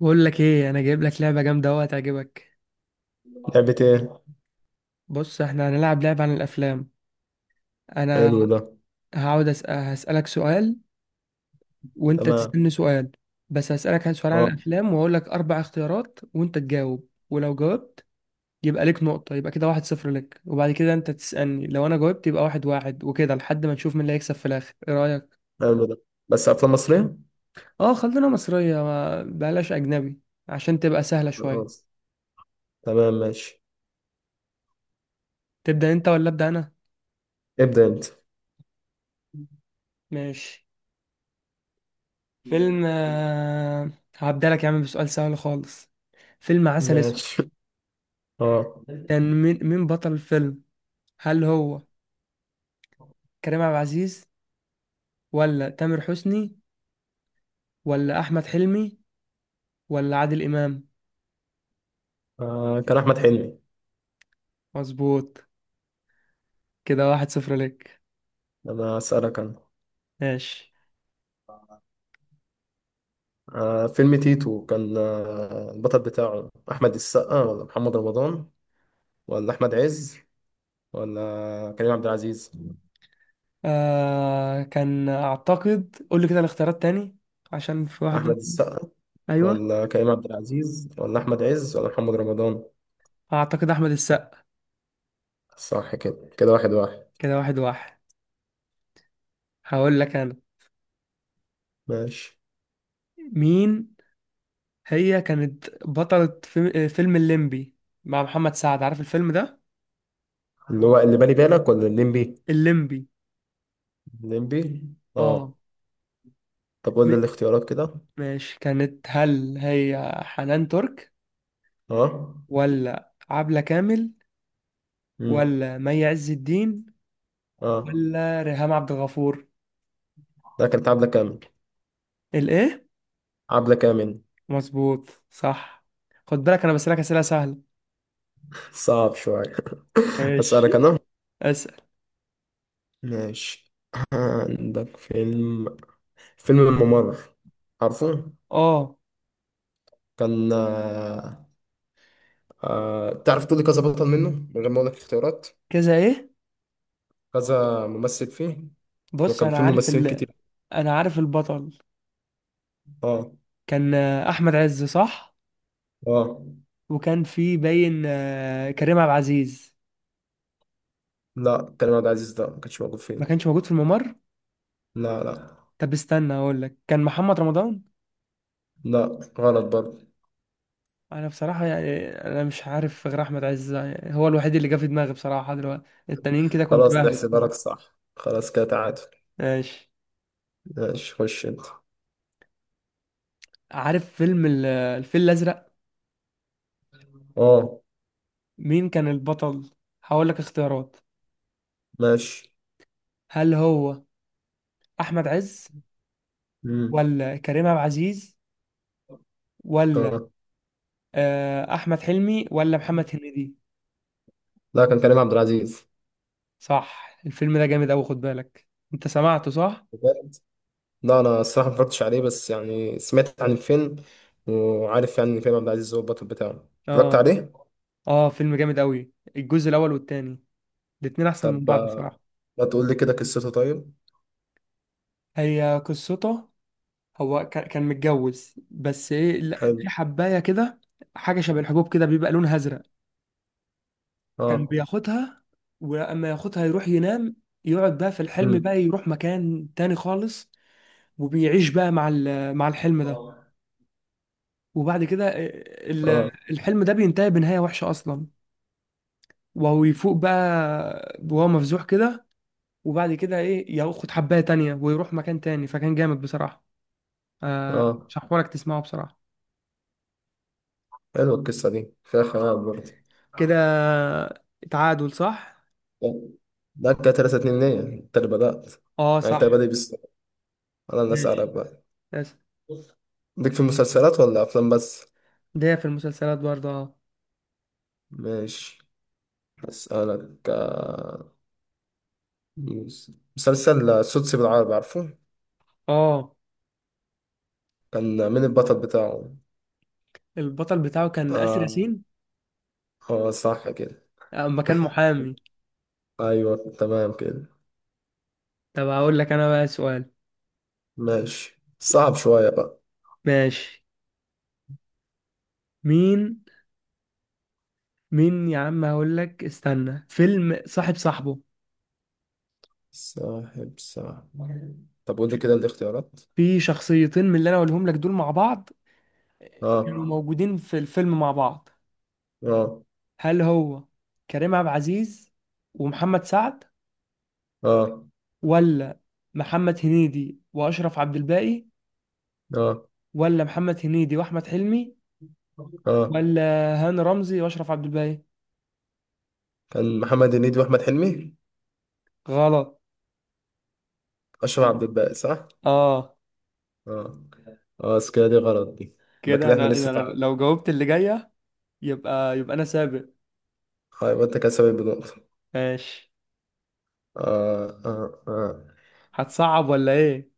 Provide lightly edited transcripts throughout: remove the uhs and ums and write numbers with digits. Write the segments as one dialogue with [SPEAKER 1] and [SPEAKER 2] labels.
[SPEAKER 1] بقول لك ايه، انا جايب لك لعبه جامده اهو هتعجبك.
[SPEAKER 2] لعبة ايه؟
[SPEAKER 1] بص، احنا هنلعب لعبه عن الافلام. انا
[SPEAKER 2] حلو ده.
[SPEAKER 1] هقعد أسأل، هسالك سؤال. وانت
[SPEAKER 2] تمام.
[SPEAKER 1] تسالني سؤال. بس هسالك عن سؤال عن
[SPEAKER 2] اه.
[SPEAKER 1] الافلام واقول لك 4 اختيارات وانت تجاوب، ولو جاوبت يبقى ليك نقطه. يبقى كده 1-0 لك، وبعد كده انت تسالني. لو انا جاوبت يبقى 1-1، وكده لحد ما نشوف مين اللي هيكسب في الاخر. ايه رايك؟
[SPEAKER 2] حلو ده. بس أفلام مصرية؟
[SPEAKER 1] اه، خلينا مصريه، ما بلاش اجنبي. عشان تبقى سهله شويه.
[SPEAKER 2] خلاص. تمام ماشي.
[SPEAKER 1] تبدا انت ولا ابدا انا؟
[SPEAKER 2] ابدأ أنت.
[SPEAKER 1] ماشي. فيلم هبدألك يا عم بسؤال سهل خالص. فيلم عسل اسود.
[SPEAKER 2] ماشي. اه.
[SPEAKER 1] كان مين بطل الفيلم؟ هل هو كريم عبد العزيز، ولا تامر حسني، ولا احمد حلمي، ولا عادل امام؟
[SPEAKER 2] كان أحمد حلمي.
[SPEAKER 1] مظبوط. كده 1-0 ليك.
[SPEAKER 2] أنا أسألك أنا.
[SPEAKER 1] ماشي.
[SPEAKER 2] فيلم تيتو كان البطل بتاعه أحمد السقا ولا محمد رمضان ولا أحمد عز ولا كريم عبد العزيز.
[SPEAKER 1] كان اعتقد قول لي كده الاختيارات تاني، عشان في واحد.
[SPEAKER 2] أحمد السقا
[SPEAKER 1] ايوه،
[SPEAKER 2] ولا كريم عبد العزيز ولا أحمد عز ولا محمد رمضان.
[SPEAKER 1] اعتقد احمد السقا.
[SPEAKER 2] صح كده، كده واحد واحد.
[SPEAKER 1] كده 1-1. هقول لك انا.
[SPEAKER 2] ماشي.
[SPEAKER 1] مين؟ هي كانت بطلة فيلم الليمبي مع محمد سعد. عارف الفيلم ده؟
[SPEAKER 2] اللي هو اللي بالي بالك ولا الليمبي.
[SPEAKER 1] الليمبي.
[SPEAKER 2] نمبي.
[SPEAKER 1] اه.
[SPEAKER 2] اه. طب قول لي
[SPEAKER 1] م-
[SPEAKER 2] الاختيارات كده.
[SPEAKER 1] ماشي. كانت، هل هي حنان ترك،
[SPEAKER 2] اه.
[SPEAKER 1] ولا عبلة كامل،
[SPEAKER 2] امم
[SPEAKER 1] ولا مي عز الدين،
[SPEAKER 2] اه.
[SPEAKER 1] ولا ريهام عبد الغفور؟
[SPEAKER 2] ده كانت عبلة كامل.
[SPEAKER 1] الايه؟
[SPEAKER 2] عبلة كامل.
[SPEAKER 1] مظبوط، صح. خد بالك انا بسألك أسئلة سهلة.
[SPEAKER 2] صعب شوية. أسألك
[SPEAKER 1] ماشي،
[SPEAKER 2] أنا.
[SPEAKER 1] أسأل.
[SPEAKER 2] ماشي. عندك فيلم، فيلم الممر، عارفه؟
[SPEAKER 1] اه.
[SPEAKER 2] كان تعرف تقولي كذا بطل منه من غير ما أقولك اختيارات؟
[SPEAKER 1] كذا ايه؟
[SPEAKER 2] كذا ممثل فيه،
[SPEAKER 1] بص،
[SPEAKER 2] وكان
[SPEAKER 1] انا
[SPEAKER 2] فيه
[SPEAKER 1] عارف
[SPEAKER 2] ممثلين كتير.
[SPEAKER 1] انا عارف البطل.
[SPEAKER 2] اه.
[SPEAKER 1] كان احمد عز، صح؟
[SPEAKER 2] اه.
[SPEAKER 1] وكان في باين كريم عبد العزيز.
[SPEAKER 2] لا كريم عبد العزيز ده ما كانش موجود
[SPEAKER 1] ما
[SPEAKER 2] فيه.
[SPEAKER 1] كانش موجود في الممر.
[SPEAKER 2] لا لا.
[SPEAKER 1] طب استنى، اقول لك كان محمد رمضان.
[SPEAKER 2] لا غلط برضه.
[SPEAKER 1] انا بصراحة يعني انا مش عارف غير احمد عز، يعني هو الوحيد اللي جه في دماغي بصراحة دلوقتي. التانيين كده كنت
[SPEAKER 2] خلاص
[SPEAKER 1] بهبد.
[SPEAKER 2] نحسبها لك صح، خلاص كده تعادل.
[SPEAKER 1] ماشي.
[SPEAKER 2] ماشي خش انت.
[SPEAKER 1] عارف فيلم الفيل الازرق؟
[SPEAKER 2] اه.
[SPEAKER 1] مين كان البطل؟ هقول لك اختيارات.
[SPEAKER 2] ماشي.
[SPEAKER 1] هل هو احمد عز،
[SPEAKER 2] امم
[SPEAKER 1] ولا كريم عبد العزيز، ولا
[SPEAKER 2] اه.
[SPEAKER 1] احمد حلمي، ولا محمد هنيدي؟
[SPEAKER 2] لا كان كريم عبد العزيز.
[SPEAKER 1] صح. الفيلم ده جامد اوي، خد بالك. انت سمعته صح؟
[SPEAKER 2] بجد؟ لا انا الصراحه ما اتفرجتش عليه، بس يعني سمعت عن الفيلم وعارف يعني ان كريم عبد العزيز هو البطل بتاعه، اتفرجت
[SPEAKER 1] اه.
[SPEAKER 2] عليه.
[SPEAKER 1] اه، فيلم جامد قوي. الجزء الاول والتاني، الاتنين احسن من
[SPEAKER 2] طب
[SPEAKER 1] بعض بصراحه.
[SPEAKER 2] ما تقول لي كده قصته طيب.
[SPEAKER 1] هي قصته، هو كان متجوز، بس ايه، لا، في
[SPEAKER 2] حلو.
[SPEAKER 1] حبايه كده. حاجه شبه الحبوب كده، بيبقى لونها ازرق. كان
[SPEAKER 2] اه.
[SPEAKER 1] بياخدها، ولما ياخدها يروح ينام. يقعد بقى في الحلم
[SPEAKER 2] امم
[SPEAKER 1] بقى يروح مكان تاني خالص. وبيعيش بقى مع الحلم ده.
[SPEAKER 2] اه.
[SPEAKER 1] وبعد كده ال- الحلم ده بينتهي بنهايه وحشه اصلا. وهو يفوق بقى وهو مفزوح كده. وبعد كده ايه، ياخد حبايه تانية ويروح مكان تاني. فكان جامد بصراحه.
[SPEAKER 2] اه.
[SPEAKER 1] شحورك تسمعه بصراحه.
[SPEAKER 2] حلوه القصه دي، فيها خيال برضه.
[SPEAKER 1] كده تعادل، صح.
[SPEAKER 2] طب، ده كده 3-2، ليه انت اللي بدات.
[SPEAKER 1] اه،
[SPEAKER 2] يعني انت
[SPEAKER 1] صح.
[SPEAKER 2] بادئ بالسؤال، انا اللي اسالك
[SPEAKER 1] ماشي.
[SPEAKER 2] بقى.
[SPEAKER 1] بس
[SPEAKER 2] ليك في مسلسلات ولا أفلام بس؟
[SPEAKER 1] ده في المسلسلات برضه، اه.
[SPEAKER 2] ماشي. أسألك مسلسل سوتسي بالعربي، عارفه؟
[SPEAKER 1] اه.
[SPEAKER 2] كان مين البطل بتاعه؟
[SPEAKER 1] البطل بتاعه كان آسر
[SPEAKER 2] آه،
[SPEAKER 1] ياسين.
[SPEAKER 2] هو صح كده.
[SPEAKER 1] اما كان محامي.
[SPEAKER 2] أيوه تمام كده.
[SPEAKER 1] طب هقول لك انا بقى سؤال.
[SPEAKER 2] ماشي صعب شوية بقى.
[SPEAKER 1] ماشي. مين مين يا عم، هقول لك استنى، فيلم صاحب صاحبه.
[SPEAKER 2] صاحب صاحب. طب قول لي كده الاختيارات.
[SPEAKER 1] في شخصيتين من اللي انا اقولهم لك دول مع بعض، كانوا
[SPEAKER 2] آه.
[SPEAKER 1] موجودين في الفيلم مع بعض.
[SPEAKER 2] آه.
[SPEAKER 1] هل هو كريم عبد العزيز ومحمد سعد،
[SPEAKER 2] آه.
[SPEAKER 1] ولا محمد هنيدي واشرف عبد الباقي،
[SPEAKER 2] آه.
[SPEAKER 1] ولا محمد هنيدي واحمد حلمي،
[SPEAKER 2] آه،
[SPEAKER 1] ولا هاني رمزي واشرف عبد الباقي؟
[SPEAKER 2] كان محمد هنيدي وأحمد حلمي.
[SPEAKER 1] غلط.
[SPEAKER 2] أشرف
[SPEAKER 1] كده،
[SPEAKER 2] عبد الباقي صح؟
[SPEAKER 1] اه.
[SPEAKER 2] آه. آه بس كده دي غلط دي. يبقى
[SPEAKER 1] كده
[SPEAKER 2] كده إحنا
[SPEAKER 1] انا
[SPEAKER 2] لسه
[SPEAKER 1] انا
[SPEAKER 2] تعادل.
[SPEAKER 1] لو جاوبت اللي جايه، يبقى انا سابق.
[SPEAKER 2] يبقى أنت كده سابق بنقطة.
[SPEAKER 1] ماشي.
[SPEAKER 2] آه آه آه.
[SPEAKER 1] هتصعب ولا ايه؟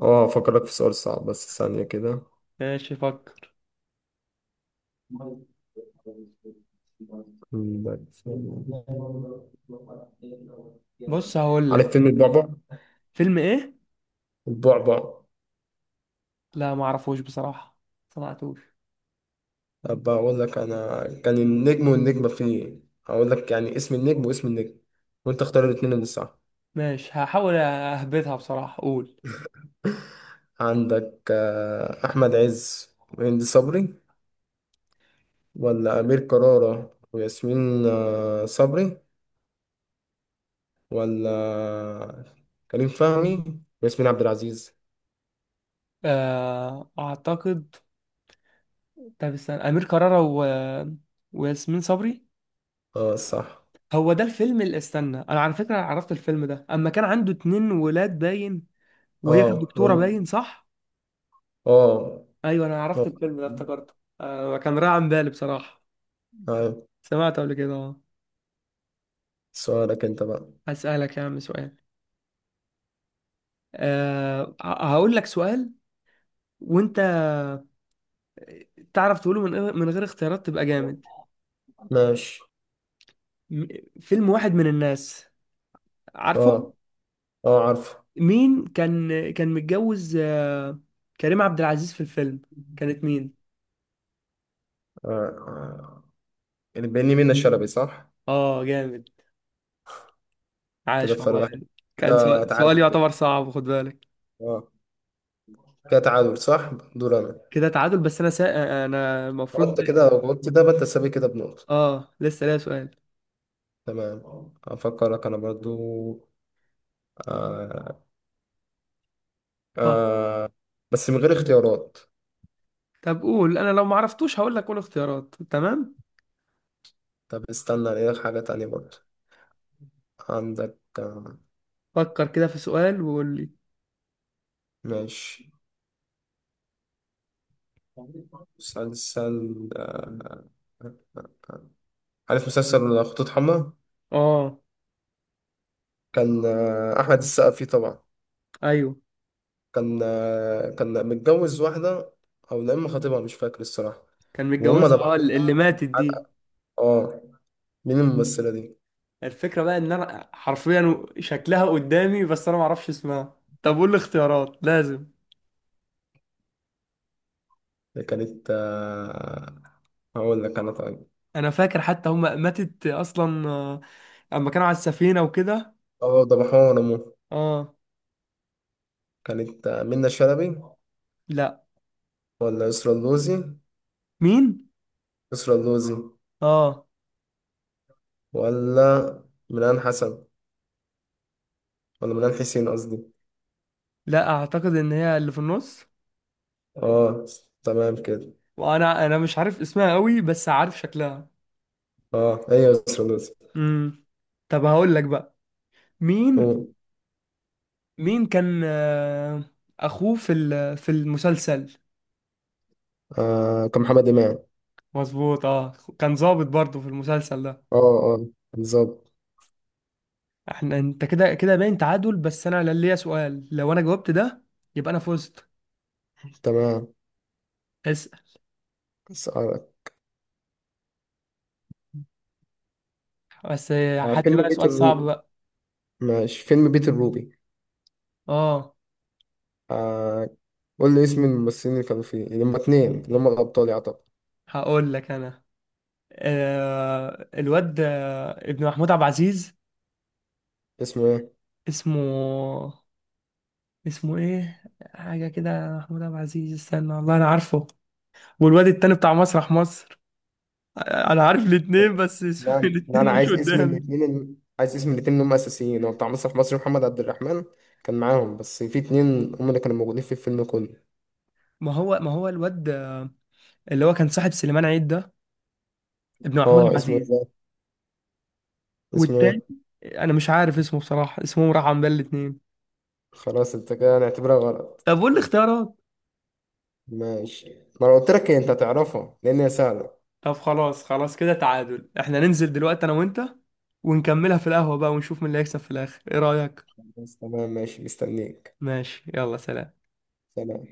[SPEAKER 2] أفكرك في سؤال صعب بس ثانية كده.
[SPEAKER 1] ماشي، فكر. بص هقول
[SPEAKER 2] عارف
[SPEAKER 1] لك.
[SPEAKER 2] فيلم البعبع؟
[SPEAKER 1] فيلم ايه؟
[SPEAKER 2] البعبع.
[SPEAKER 1] لا، ما اعرفوش بصراحه. سمعتوش.
[SPEAKER 2] أبقى أقول لك أنا كان النجم والنجمة فيه. هقول لك يعني اسم النجم واسم النجم، وأنت اختار الاتنين اللي صح.
[SPEAKER 1] ماشي، هحاول اهبطها بصراحه، قول.
[SPEAKER 2] عندك أحمد عز وهند صبري، ولا أمير كرارة وياسمين صبري، ولا كريم فهمي وياسمين عبد العزيز.
[SPEAKER 1] اعتقد. طب استنى أمير كرارة وياسمين صبري.
[SPEAKER 2] اه صح.
[SPEAKER 1] هو ده الفيلم اللي، استنى، أنا على فكرة عرفت الفيلم ده أما كان عنده 2 ولاد باين. وهي كانت
[SPEAKER 2] اه هم.
[SPEAKER 1] دكتورة باين، صح؟
[SPEAKER 2] اه.
[SPEAKER 1] أيوه، أنا عرفت
[SPEAKER 2] اه.
[SPEAKER 1] الفيلم ده، افتكرته. كان رايح عن بالي بصراحة.
[SPEAKER 2] آه.
[SPEAKER 1] سمعته قبل كده، أه.
[SPEAKER 2] سؤالك انت بقى.
[SPEAKER 1] هسألك يا عم سؤال. أه ه- هقول لك سؤال. وأنت تعرف تقوله من غير اختيارات، تبقى جامد.
[SPEAKER 2] ماشي.
[SPEAKER 1] م- فيلم واحد من الناس، عارفه؟
[SPEAKER 2] اه. اه عارفه.
[SPEAKER 1] مين كان متجوز كريم عبد العزيز في الفيلم؟ كانت مين؟
[SPEAKER 2] آه. آه. اللي بيني منه شلبي صح.
[SPEAKER 1] اه، جامد.
[SPEAKER 2] كده
[SPEAKER 1] عاش
[SPEAKER 2] فرق
[SPEAKER 1] والله.
[SPEAKER 2] واحد.
[SPEAKER 1] كان
[SPEAKER 2] كده
[SPEAKER 1] سؤال سؤال
[SPEAKER 2] تعادل كده.
[SPEAKER 1] يعتبر صعب، خد بالك.
[SPEAKER 2] اه. كده تعادل صح، دور انا.
[SPEAKER 1] كده تعادل، بس انا انا المفروض.
[SPEAKER 2] قلت كده، قلت ده بقى تسابي كده بنقطة.
[SPEAKER 1] اه، لسه ليا سؤال.
[SPEAKER 2] تمام. افكرك انا برضو. آه.
[SPEAKER 1] طب.
[SPEAKER 2] آه. بس من غير اختيارات.
[SPEAKER 1] قول، انا لو ما عرفتوش هقول لك، قول اختيارات، تمام.
[SPEAKER 2] طب استنى الاقي لك حاجة تانية برضو. عندك
[SPEAKER 1] فكر كده في سؤال وقول لي.
[SPEAKER 2] ماشي، مسلسل عارف مسلسل خطوط حمراء؟
[SPEAKER 1] اه.
[SPEAKER 2] كان أحمد السقا فيه طبعا.
[SPEAKER 1] ايوه،
[SPEAKER 2] كان كان متجوز واحدة، أو لا إما خطيبها مش فاكر الصراحة.
[SPEAKER 1] كان
[SPEAKER 2] وهم ده
[SPEAKER 1] متجوزها،
[SPEAKER 2] بقى.
[SPEAKER 1] اللي ماتت دي.
[SPEAKER 2] اه. مين الممثلة دي؟
[SPEAKER 1] الفكرة بقى ان انا حرفيا شكلها قدامي بس انا ما اعرفش اسمها. طب قول لي اختيارات لازم.
[SPEAKER 2] اللي كانت هقول لك أنا طيب.
[SPEAKER 1] انا فاكر حتى هم ماتت اصلا اما كانوا على السفينه وكده.
[SPEAKER 2] اه ضبحوها ونمو.
[SPEAKER 1] اه.
[SPEAKER 2] كانت منى شلبي،
[SPEAKER 1] لا.
[SPEAKER 2] ولا يسرا اللوزي؟
[SPEAKER 1] مين؟
[SPEAKER 2] يسرا اللوزي.
[SPEAKER 1] اه.
[SPEAKER 2] ولا ميلان حسن، ولا ميلان حسين قصدي.
[SPEAKER 1] لا، اعتقد ان هي اللي في النص.
[SPEAKER 2] اه. تمام كده.
[SPEAKER 1] وانا انا مش عارف اسمها قوي، بس عارف شكلها.
[SPEAKER 2] اه هي سولوزي.
[SPEAKER 1] امم. طب هقول لك بقى. مين؟
[SPEAKER 2] أوه.
[SPEAKER 1] مين كان اخوه في المسلسل؟
[SPEAKER 2] آه كان محمد إمام.
[SPEAKER 1] مظبوط، اه. كان ضابط برضه في المسلسل ده.
[SPEAKER 2] اه. اه. بالظبط.
[SPEAKER 1] احنا، انت كده كده باين تعادل، بس انا ليا سؤال. لو انا جاوبت ده، يبقى انا فزت.
[SPEAKER 2] تمام.
[SPEAKER 1] اسأل.
[SPEAKER 2] أسألك.
[SPEAKER 1] بس
[SPEAKER 2] آه
[SPEAKER 1] هات لي
[SPEAKER 2] فيلم
[SPEAKER 1] بقى
[SPEAKER 2] بيت
[SPEAKER 1] سؤال صعب
[SPEAKER 2] الروبي.
[SPEAKER 1] بقى.
[SPEAKER 2] ماشي فيلم بيت الروبي.
[SPEAKER 1] اه.
[SPEAKER 2] آه. قول لي اسم الممثلين اللي كانوا فيه، اللي هما اتنين اللي هما الأبطال يعتبر.
[SPEAKER 1] هقول لك انا. الواد ابن محمود عبد العزيز.
[SPEAKER 2] اسمه ايه؟
[SPEAKER 1] اسمه، ايه؟ حاجه كده، محمود عبد العزيز، استنى، والله انا عارفه. والواد التاني بتاع مسرح مصر. انا عارف الاتنين بس
[SPEAKER 2] لا لا أنا
[SPEAKER 1] الاتنين مش
[SPEAKER 2] عايز اسم
[SPEAKER 1] قدامي.
[SPEAKER 2] الاتنين اللي، عايز اسم الاتنين اللي هما أساسيين. هو بتاع مسرح مصر محمد عبد الرحمن كان معاهم، بس في اتنين هما اللي كانوا موجودين في الفيلم كله.
[SPEAKER 1] ما هو الواد اللي هو كان صاحب سليمان عيد ده، ابن محمود عبد
[SPEAKER 2] اه. اسمه ايه
[SPEAKER 1] العزيز.
[SPEAKER 2] ده؟ اسمه
[SPEAKER 1] والتاني،
[SPEAKER 2] ايه؟
[SPEAKER 1] انا مش عارف اسمه بصراحه، اسمه راح عن بال الاتنين.
[SPEAKER 2] خلاص انت كده هنعتبرها غلط.
[SPEAKER 1] طب قول لي اختيارات.
[SPEAKER 2] ماشي. ما انا قلت لك إيه، انت تعرفها لان هي سهله.
[SPEAKER 1] طب خلاص، خلاص كده تعادل. احنا ننزل دلوقتي انا وانت، ونكملها في القهوة بقى، ونشوف مين اللي هيكسب في الاخر. ايه رأيك؟
[SPEAKER 2] بس تمام ماشي مستنيك.
[SPEAKER 1] ماشي، يلا سلام.
[SPEAKER 2] سلام